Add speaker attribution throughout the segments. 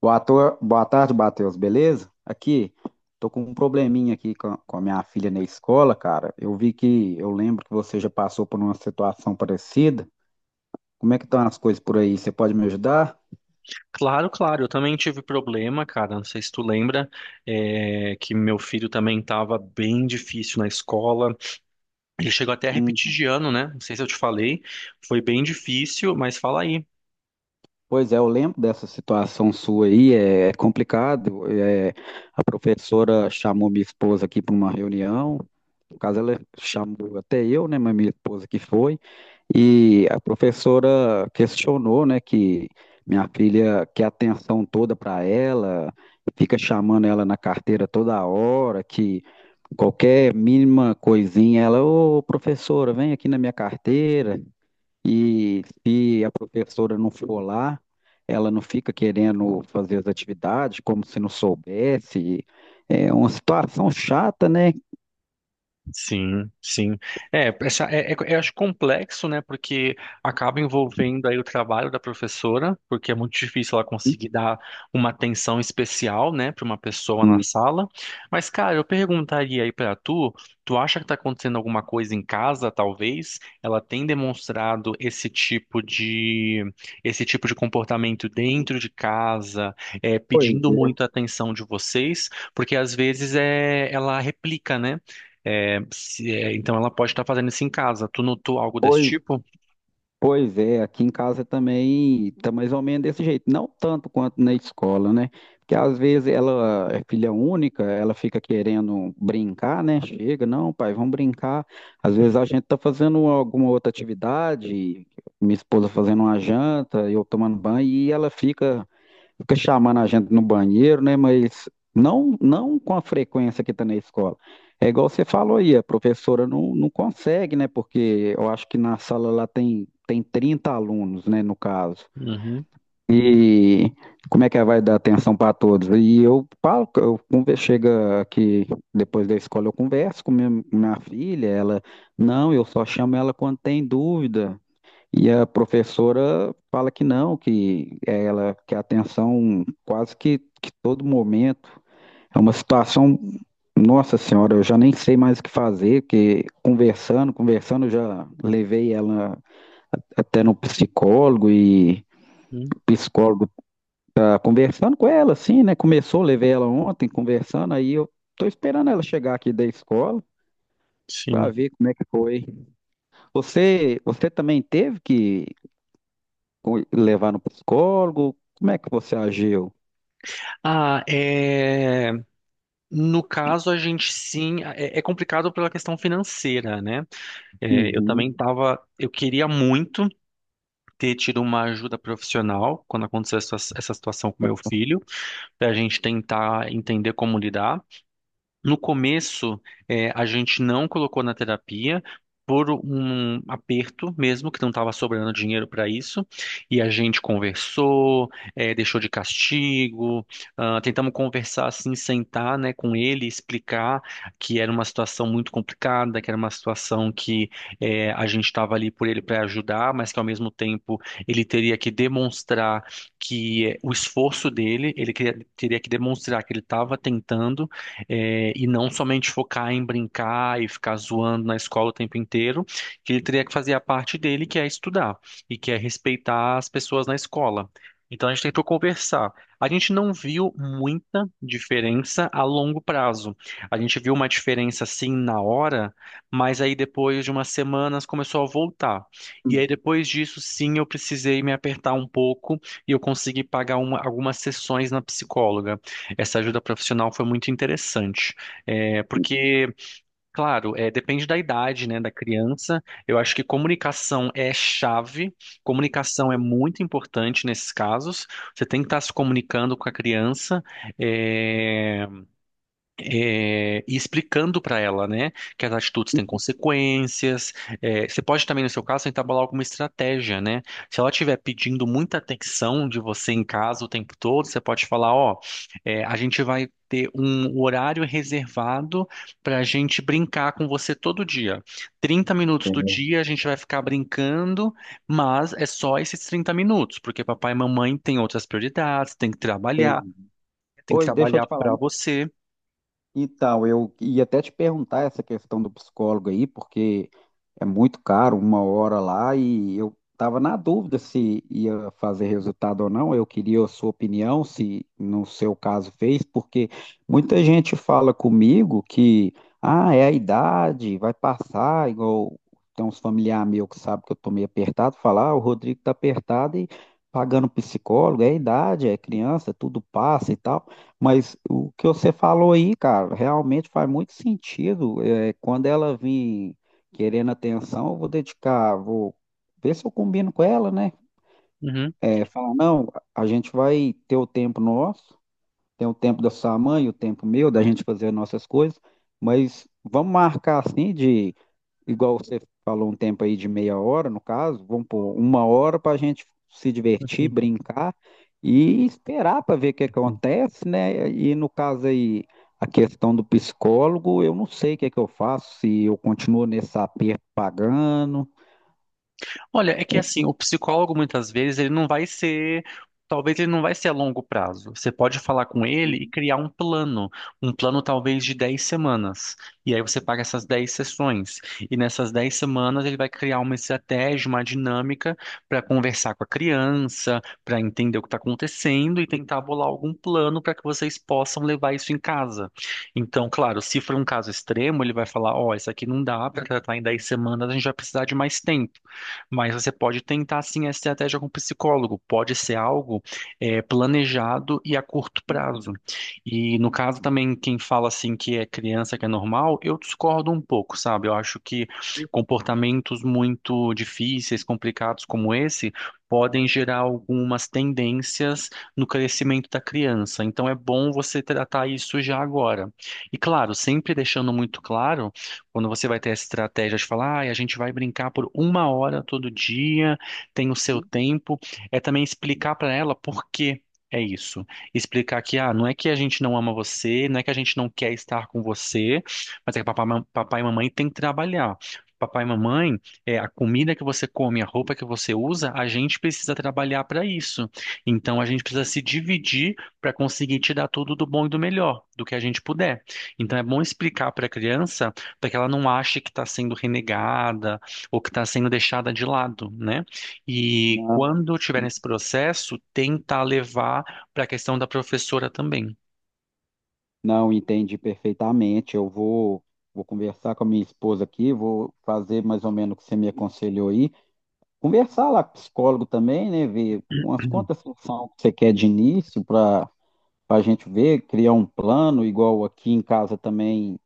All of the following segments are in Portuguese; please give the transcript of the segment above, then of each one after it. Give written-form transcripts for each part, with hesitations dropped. Speaker 1: Boa, Boa tarde, Matheus, beleza? Aqui, tô com um probleminha aqui com a minha filha na escola, cara. Eu lembro que você já passou por uma situação parecida. Como é que estão as coisas por aí? Você pode me ajudar?
Speaker 2: Claro, claro. Eu também tive problema, cara. Não sei se tu lembra, que meu filho também estava bem difícil na escola. Ele chegou até a repetir
Speaker 1: Um.
Speaker 2: de ano, né? Não sei se eu te falei. Foi bem difícil, mas fala aí.
Speaker 1: Pois é, eu lembro dessa situação sua aí, é complicado. A professora chamou minha esposa aqui para uma reunião, no caso ela chamou até eu, né, mas minha esposa que foi, e a professora questionou, né, que minha filha quer atenção toda para ela, fica chamando ela na carteira toda hora, que qualquer mínima coisinha ela, ô professora, vem aqui na minha carteira. E se a professora não for lá, ela não fica querendo fazer as atividades como se não soubesse. É uma situação chata, né?
Speaker 2: Sim, sim. Eu acho complexo, né? Porque acaba envolvendo aí o trabalho da professora, porque é muito difícil ela conseguir dar uma atenção especial, né, para uma pessoa na sala. Mas, cara, eu perguntaria aí para tu, tu acha que tá acontecendo alguma coisa em casa, talvez? Ela tem demonstrado esse tipo de comportamento dentro de casa,
Speaker 1: Pois
Speaker 2: pedindo
Speaker 1: é.
Speaker 2: muito a atenção de vocês, porque às vezes é, ela replica, né? Então ela pode estar fazendo isso em casa. Tu notou algo desse tipo?
Speaker 1: Pois é, aqui em casa também tá mais ou menos desse jeito, não tanto quanto na escola, né? Porque às vezes ela é filha única, ela fica querendo brincar, né? Chega, não, pai, vamos brincar. Às vezes a gente tá fazendo alguma outra atividade, minha esposa fazendo uma janta, eu tomando banho, e ela fica chamando a gente no banheiro, né? Mas não, não com a frequência que está na escola. É igual você falou aí, a professora não, não consegue, né? Porque eu acho que na sala lá tem 30 alunos, né? No caso.
Speaker 2: Uhum,
Speaker 1: E como é que ela vai dar atenção para todos? E eu falo, que chega aqui depois da escola, eu converso com minha filha, ela, não, eu só chamo ela quando tem dúvida. E a professora fala que não, que é, ela quer atenção quase que todo momento. É uma situação, nossa senhora, eu já nem sei mais o que fazer, que conversando, conversando, eu já levei ela até no psicólogo, e
Speaker 2: uhum.
Speaker 1: o psicólogo tá conversando com ela, assim, né? Começou, levei ela ontem conversando, aí eu tô esperando ela chegar aqui da escola para
Speaker 2: Sim.
Speaker 1: ver como é que foi. Você também teve que levar no psicólogo? Como é que você agiu?
Speaker 2: Ah, é, no caso, a gente sim. É, é complicado pela questão financeira, né? É, eu
Speaker 1: Uhum.
Speaker 2: também estava. Eu queria muito ter tido uma ajuda profissional quando aconteceu essa situação com meu filho, para a gente tentar entender como lidar. No começo, a gente não colocou na terapia por um aperto mesmo, que não estava sobrando dinheiro para isso, e a gente conversou, deixou de castigo, ah, tentamos conversar assim, sentar, né, com ele, explicar que era uma situação muito complicada, que era uma situação que a gente estava ali por ele para ajudar, mas que ao mesmo tempo ele teria que demonstrar que o esforço dele, teria que demonstrar que ele estava tentando e não somente focar em brincar e ficar zoando na escola o tempo inteiro, que ele teria que fazer a parte dele, que é estudar e que é respeitar as pessoas na escola. Então a gente tentou conversar. A gente não viu muita diferença a longo prazo. A gente viu uma diferença sim na hora, mas aí depois de umas semanas começou a voltar. E aí depois disso, sim, eu precisei me apertar um pouco e eu consegui algumas sessões na psicóloga. Essa ajuda profissional foi muito interessante. É, porque, claro, é, depende da idade, né, da criança. Eu acho que comunicação é chave, comunicação é muito importante nesses casos. Você tem que estar se comunicando com a criança. é, e explicando para ela, né, que as atitudes têm consequências. Você pode também, no seu caso, tentar bolar alguma estratégia, né? Se ela estiver pedindo muita atenção de você em casa o tempo todo, você pode falar, ó, a gente vai ter um horário reservado para a gente brincar com você todo dia. 30 minutos do
Speaker 1: Entendo.
Speaker 2: dia a gente vai ficar brincando, mas é só esses 30 minutos, porque papai e mamãe têm outras prioridades,
Speaker 1: Entendi.
Speaker 2: tem que
Speaker 1: Oi, deixa eu
Speaker 2: trabalhar
Speaker 1: te falar.
Speaker 2: para você.
Speaker 1: Então, eu ia até te perguntar essa questão do psicólogo aí, porque é muito caro, uma hora lá, e eu estava na dúvida se ia fazer resultado ou não. Eu queria a sua opinião, se no seu caso fez, porque muita gente fala comigo que, ah, é a idade, vai passar, igual tem uns familiares meus que sabem que eu estou meio apertado, falar, ah, o Rodrigo está apertado e pagando psicólogo, é a idade, é criança, tudo passa e tal. Mas o que você falou aí, cara, realmente faz muito sentido. Quando ela vir querendo atenção, eu vou dedicar, vou ver se eu combino com ela, né? Falar, não, a gente vai ter o tempo nosso, tem o tempo da sua mãe, o tempo meu, da gente fazer as nossas coisas, mas vamos marcar assim de, igual você falou, um tempo aí de meia hora, no caso, vamos pôr uma hora para a gente se divertir,
Speaker 2: Uhum.
Speaker 1: brincar e esperar para ver o que acontece, né? E no caso aí, a questão do psicólogo, eu não sei o que é que eu faço, se eu continuo nesse aperto pagando.
Speaker 2: Olha, é que
Speaker 1: É,
Speaker 2: assim, o psicólogo muitas vezes ele não vai ser, talvez ele não vai ser a longo prazo. Você pode falar com ele e
Speaker 1: uhum.
Speaker 2: criar um plano talvez de 10 semanas. E aí você paga essas 10 sessões. E nessas 10 semanas ele vai criar uma estratégia, uma dinâmica para conversar com a criança, para entender o que está acontecendo e tentar bolar algum plano para que vocês possam levar isso em casa. Então, claro, se for um caso extremo, ele vai falar, ó, isso aqui não dá para tratar em 10 semanas, a gente vai precisar de mais tempo. Mas você pode tentar sim a estratégia com o psicólogo. Pode ser algo planejado e a curto prazo. E no caso também, quem fala assim que é criança, que é normal, eu discordo um pouco, sabe? Eu acho que comportamentos muito difíceis, complicados como esse, podem gerar algumas tendências no crescimento da criança. Então é bom você tratar isso já agora. E claro, sempre deixando muito claro quando você vai ter essa estratégia de falar, "Ai, a gente vai brincar por uma hora todo dia, tem o seu tempo, é também explicar para ela por quê. É isso. Explicar que, ah, não é que a gente não ama você, não é que a gente não quer estar com você, mas é que papai e mamãe têm que trabalhar. Papai e mamãe, é, a comida que você come, a roupa que você usa, a gente precisa trabalhar para isso. Então a gente precisa se dividir para conseguir te dar tudo do bom e do melhor, do que a gente puder. Então é bom explicar para a criança para que ela não ache que está sendo renegada ou que está sendo deixada de lado, né? E
Speaker 1: Não,
Speaker 2: quando tiver nesse processo, tentar levar para a questão da professora também.
Speaker 1: não entendi perfeitamente. Eu vou conversar com a minha esposa aqui, vou fazer mais ou menos o que você me aconselhou aí. Conversar lá com o psicólogo também, né? Ver umas
Speaker 2: Uhum.
Speaker 1: quantas sessões que você quer de início para a gente ver, criar um plano, igual aqui em casa também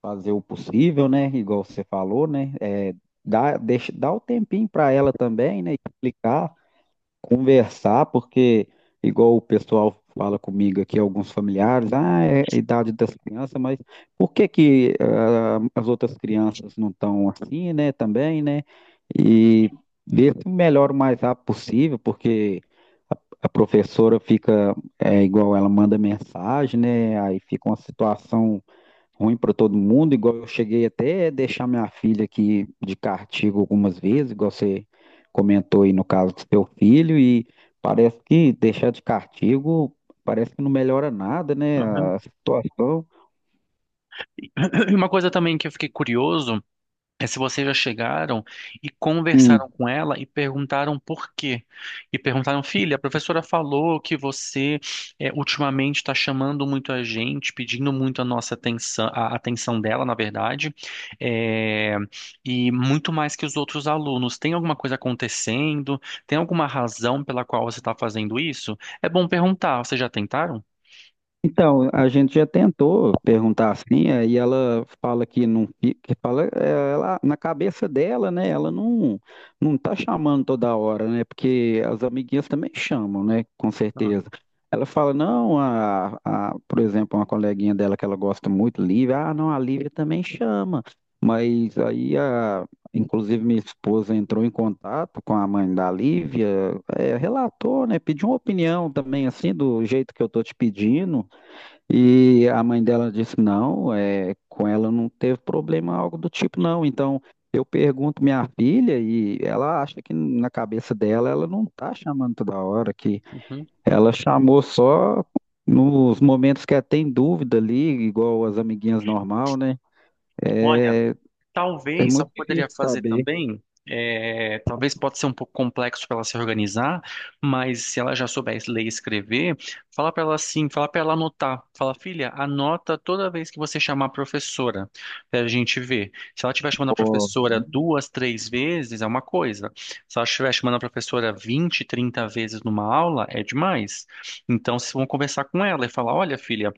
Speaker 1: fazer o possível, né? Igual você falou, né? Dá o tempinho para ela também, né? Explicar. Conversar, porque igual o pessoal fala comigo aqui, alguns familiares, é a idade das crianças, mas por que que as outras crianças não estão assim, né, também, né? E ver se melhora o mais rápido possível, porque a professora fica, é igual ela manda mensagem, né? Aí fica uma situação ruim para todo mundo, igual eu cheguei até a deixar minha filha aqui de castigo algumas vezes, igual você comentou aí no caso do seu filho, e parece que deixar de castigo parece que não melhora nada, né, a situação.
Speaker 2: E uma coisa também que eu fiquei curioso é se vocês já chegaram e conversaram com ela e perguntaram por quê. E perguntaram, filha, a professora falou que você ultimamente está chamando muito a gente, pedindo muito a nossa atenção, a atenção dela, na verdade, é, e muito mais que os outros alunos. Tem alguma coisa acontecendo? Tem alguma razão pela qual você está fazendo isso? É bom perguntar. Vocês já tentaram?
Speaker 1: Então, a gente já tentou perguntar assim, aí ela fala que não, que fala, ela, na cabeça dela, né, ela não tá chamando toda hora, né, porque as amiguinhas também chamam, né, com
Speaker 2: Ah,
Speaker 1: certeza. Ela fala, não, por exemplo, uma coleguinha dela que ela gosta muito, Lívia, ah, não, a Lívia também chama, mas aí, inclusive, minha esposa entrou em contato com a mãe da Lívia, relatou, né, pediu uma opinião também, assim, do jeito que eu tô te pedindo, e a mãe dela disse: não, é, com ela não teve problema, algo do tipo, não. Então eu pergunto minha filha e ela acha que na cabeça dela ela não tá chamando toda hora, que
Speaker 2: uhum.
Speaker 1: ela chamou só nos momentos que ela tem dúvida ali, igual as amiguinhas normal, né?
Speaker 2: Olha.
Speaker 1: É, é
Speaker 2: Talvez, sabe
Speaker 1: muito
Speaker 2: o que
Speaker 1: difícil
Speaker 2: poderia fazer
Speaker 1: saber.
Speaker 2: também? É, talvez pode ser um pouco complexo para ela se organizar, mas se ela já souber ler e escrever, fala para ela assim, fala para ela anotar. Fala, filha, anota toda vez que você chamar a professora, para a gente ver. Se ela estiver chamando a
Speaker 1: Ó,
Speaker 2: professora duas, três vezes, é uma coisa. Se ela estiver chamando a professora 20 30 vezes numa aula, é demais. Então, se vão conversar com ela e falar, olha, filha,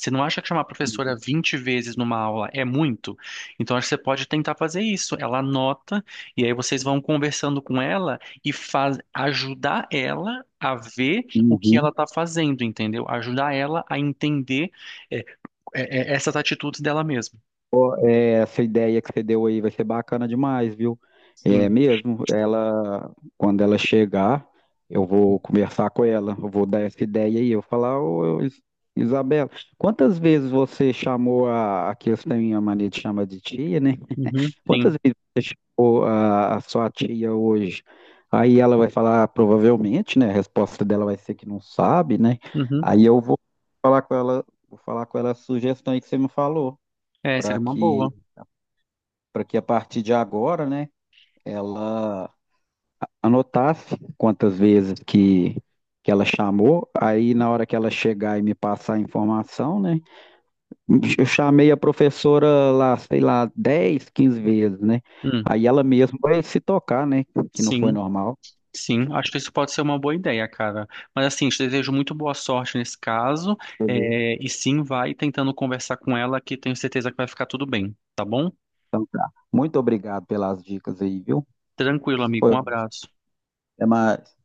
Speaker 2: você não acha que chamar a professora 20 vezes numa aula é muito? Então, acho que você pode tentar fazer isso. Ela anota, e aí vocês vão conversando com ela e faz, ajudar ela a ver o que ela
Speaker 1: uhum.
Speaker 2: está fazendo, entendeu? Ajudar ela a entender é, essas atitudes dela mesma.
Speaker 1: Ó, essa ideia que você deu aí vai ser bacana demais, viu? É
Speaker 2: Sim.
Speaker 1: mesmo, ela, quando ela chegar, eu vou conversar com ela, eu vou dar essa ideia aí, eu vou falar, ô Isabela, quantas vezes você chamou aqui eles têm a mania de chamar de tia, né?
Speaker 2: Uhum.
Speaker 1: Quantas
Speaker 2: Sim.
Speaker 1: vezes você chamou a sua tia hoje? Aí ela vai falar, "Ah, provavelmente, né? A resposta dela vai ser que não sabe, né?
Speaker 2: Uhum.
Speaker 1: Aí eu vou falar com ela, a sugestão aí que você me falou,
Speaker 2: É,
Speaker 1: para
Speaker 2: seria uma
Speaker 1: que
Speaker 2: boa.
Speaker 1: para que a partir de agora, né, ela anotasse quantas vezes que ela chamou, aí na hora que ela chegar e me passar a informação, né, eu chamei a professora lá, sei lá, 10, 15 vezes, né,
Speaker 2: Hum.
Speaker 1: aí ela mesma vai se tocar, né, que não foi
Speaker 2: Sim.
Speaker 1: normal.
Speaker 2: Sim, acho que isso pode ser uma boa ideia, cara. Mas assim, te desejo muito boa sorte nesse caso.
Speaker 1: Beleza.
Speaker 2: É, e sim, vai tentando conversar com ela, que tenho certeza que vai ficar tudo bem, tá bom?
Speaker 1: Então tá. Muito obrigado pelas dicas aí, viu?
Speaker 2: Tranquilo,
Speaker 1: Isso
Speaker 2: amigo.
Speaker 1: foi
Speaker 2: Um
Speaker 1: ótimo.
Speaker 2: abraço.
Speaker 1: Até mais.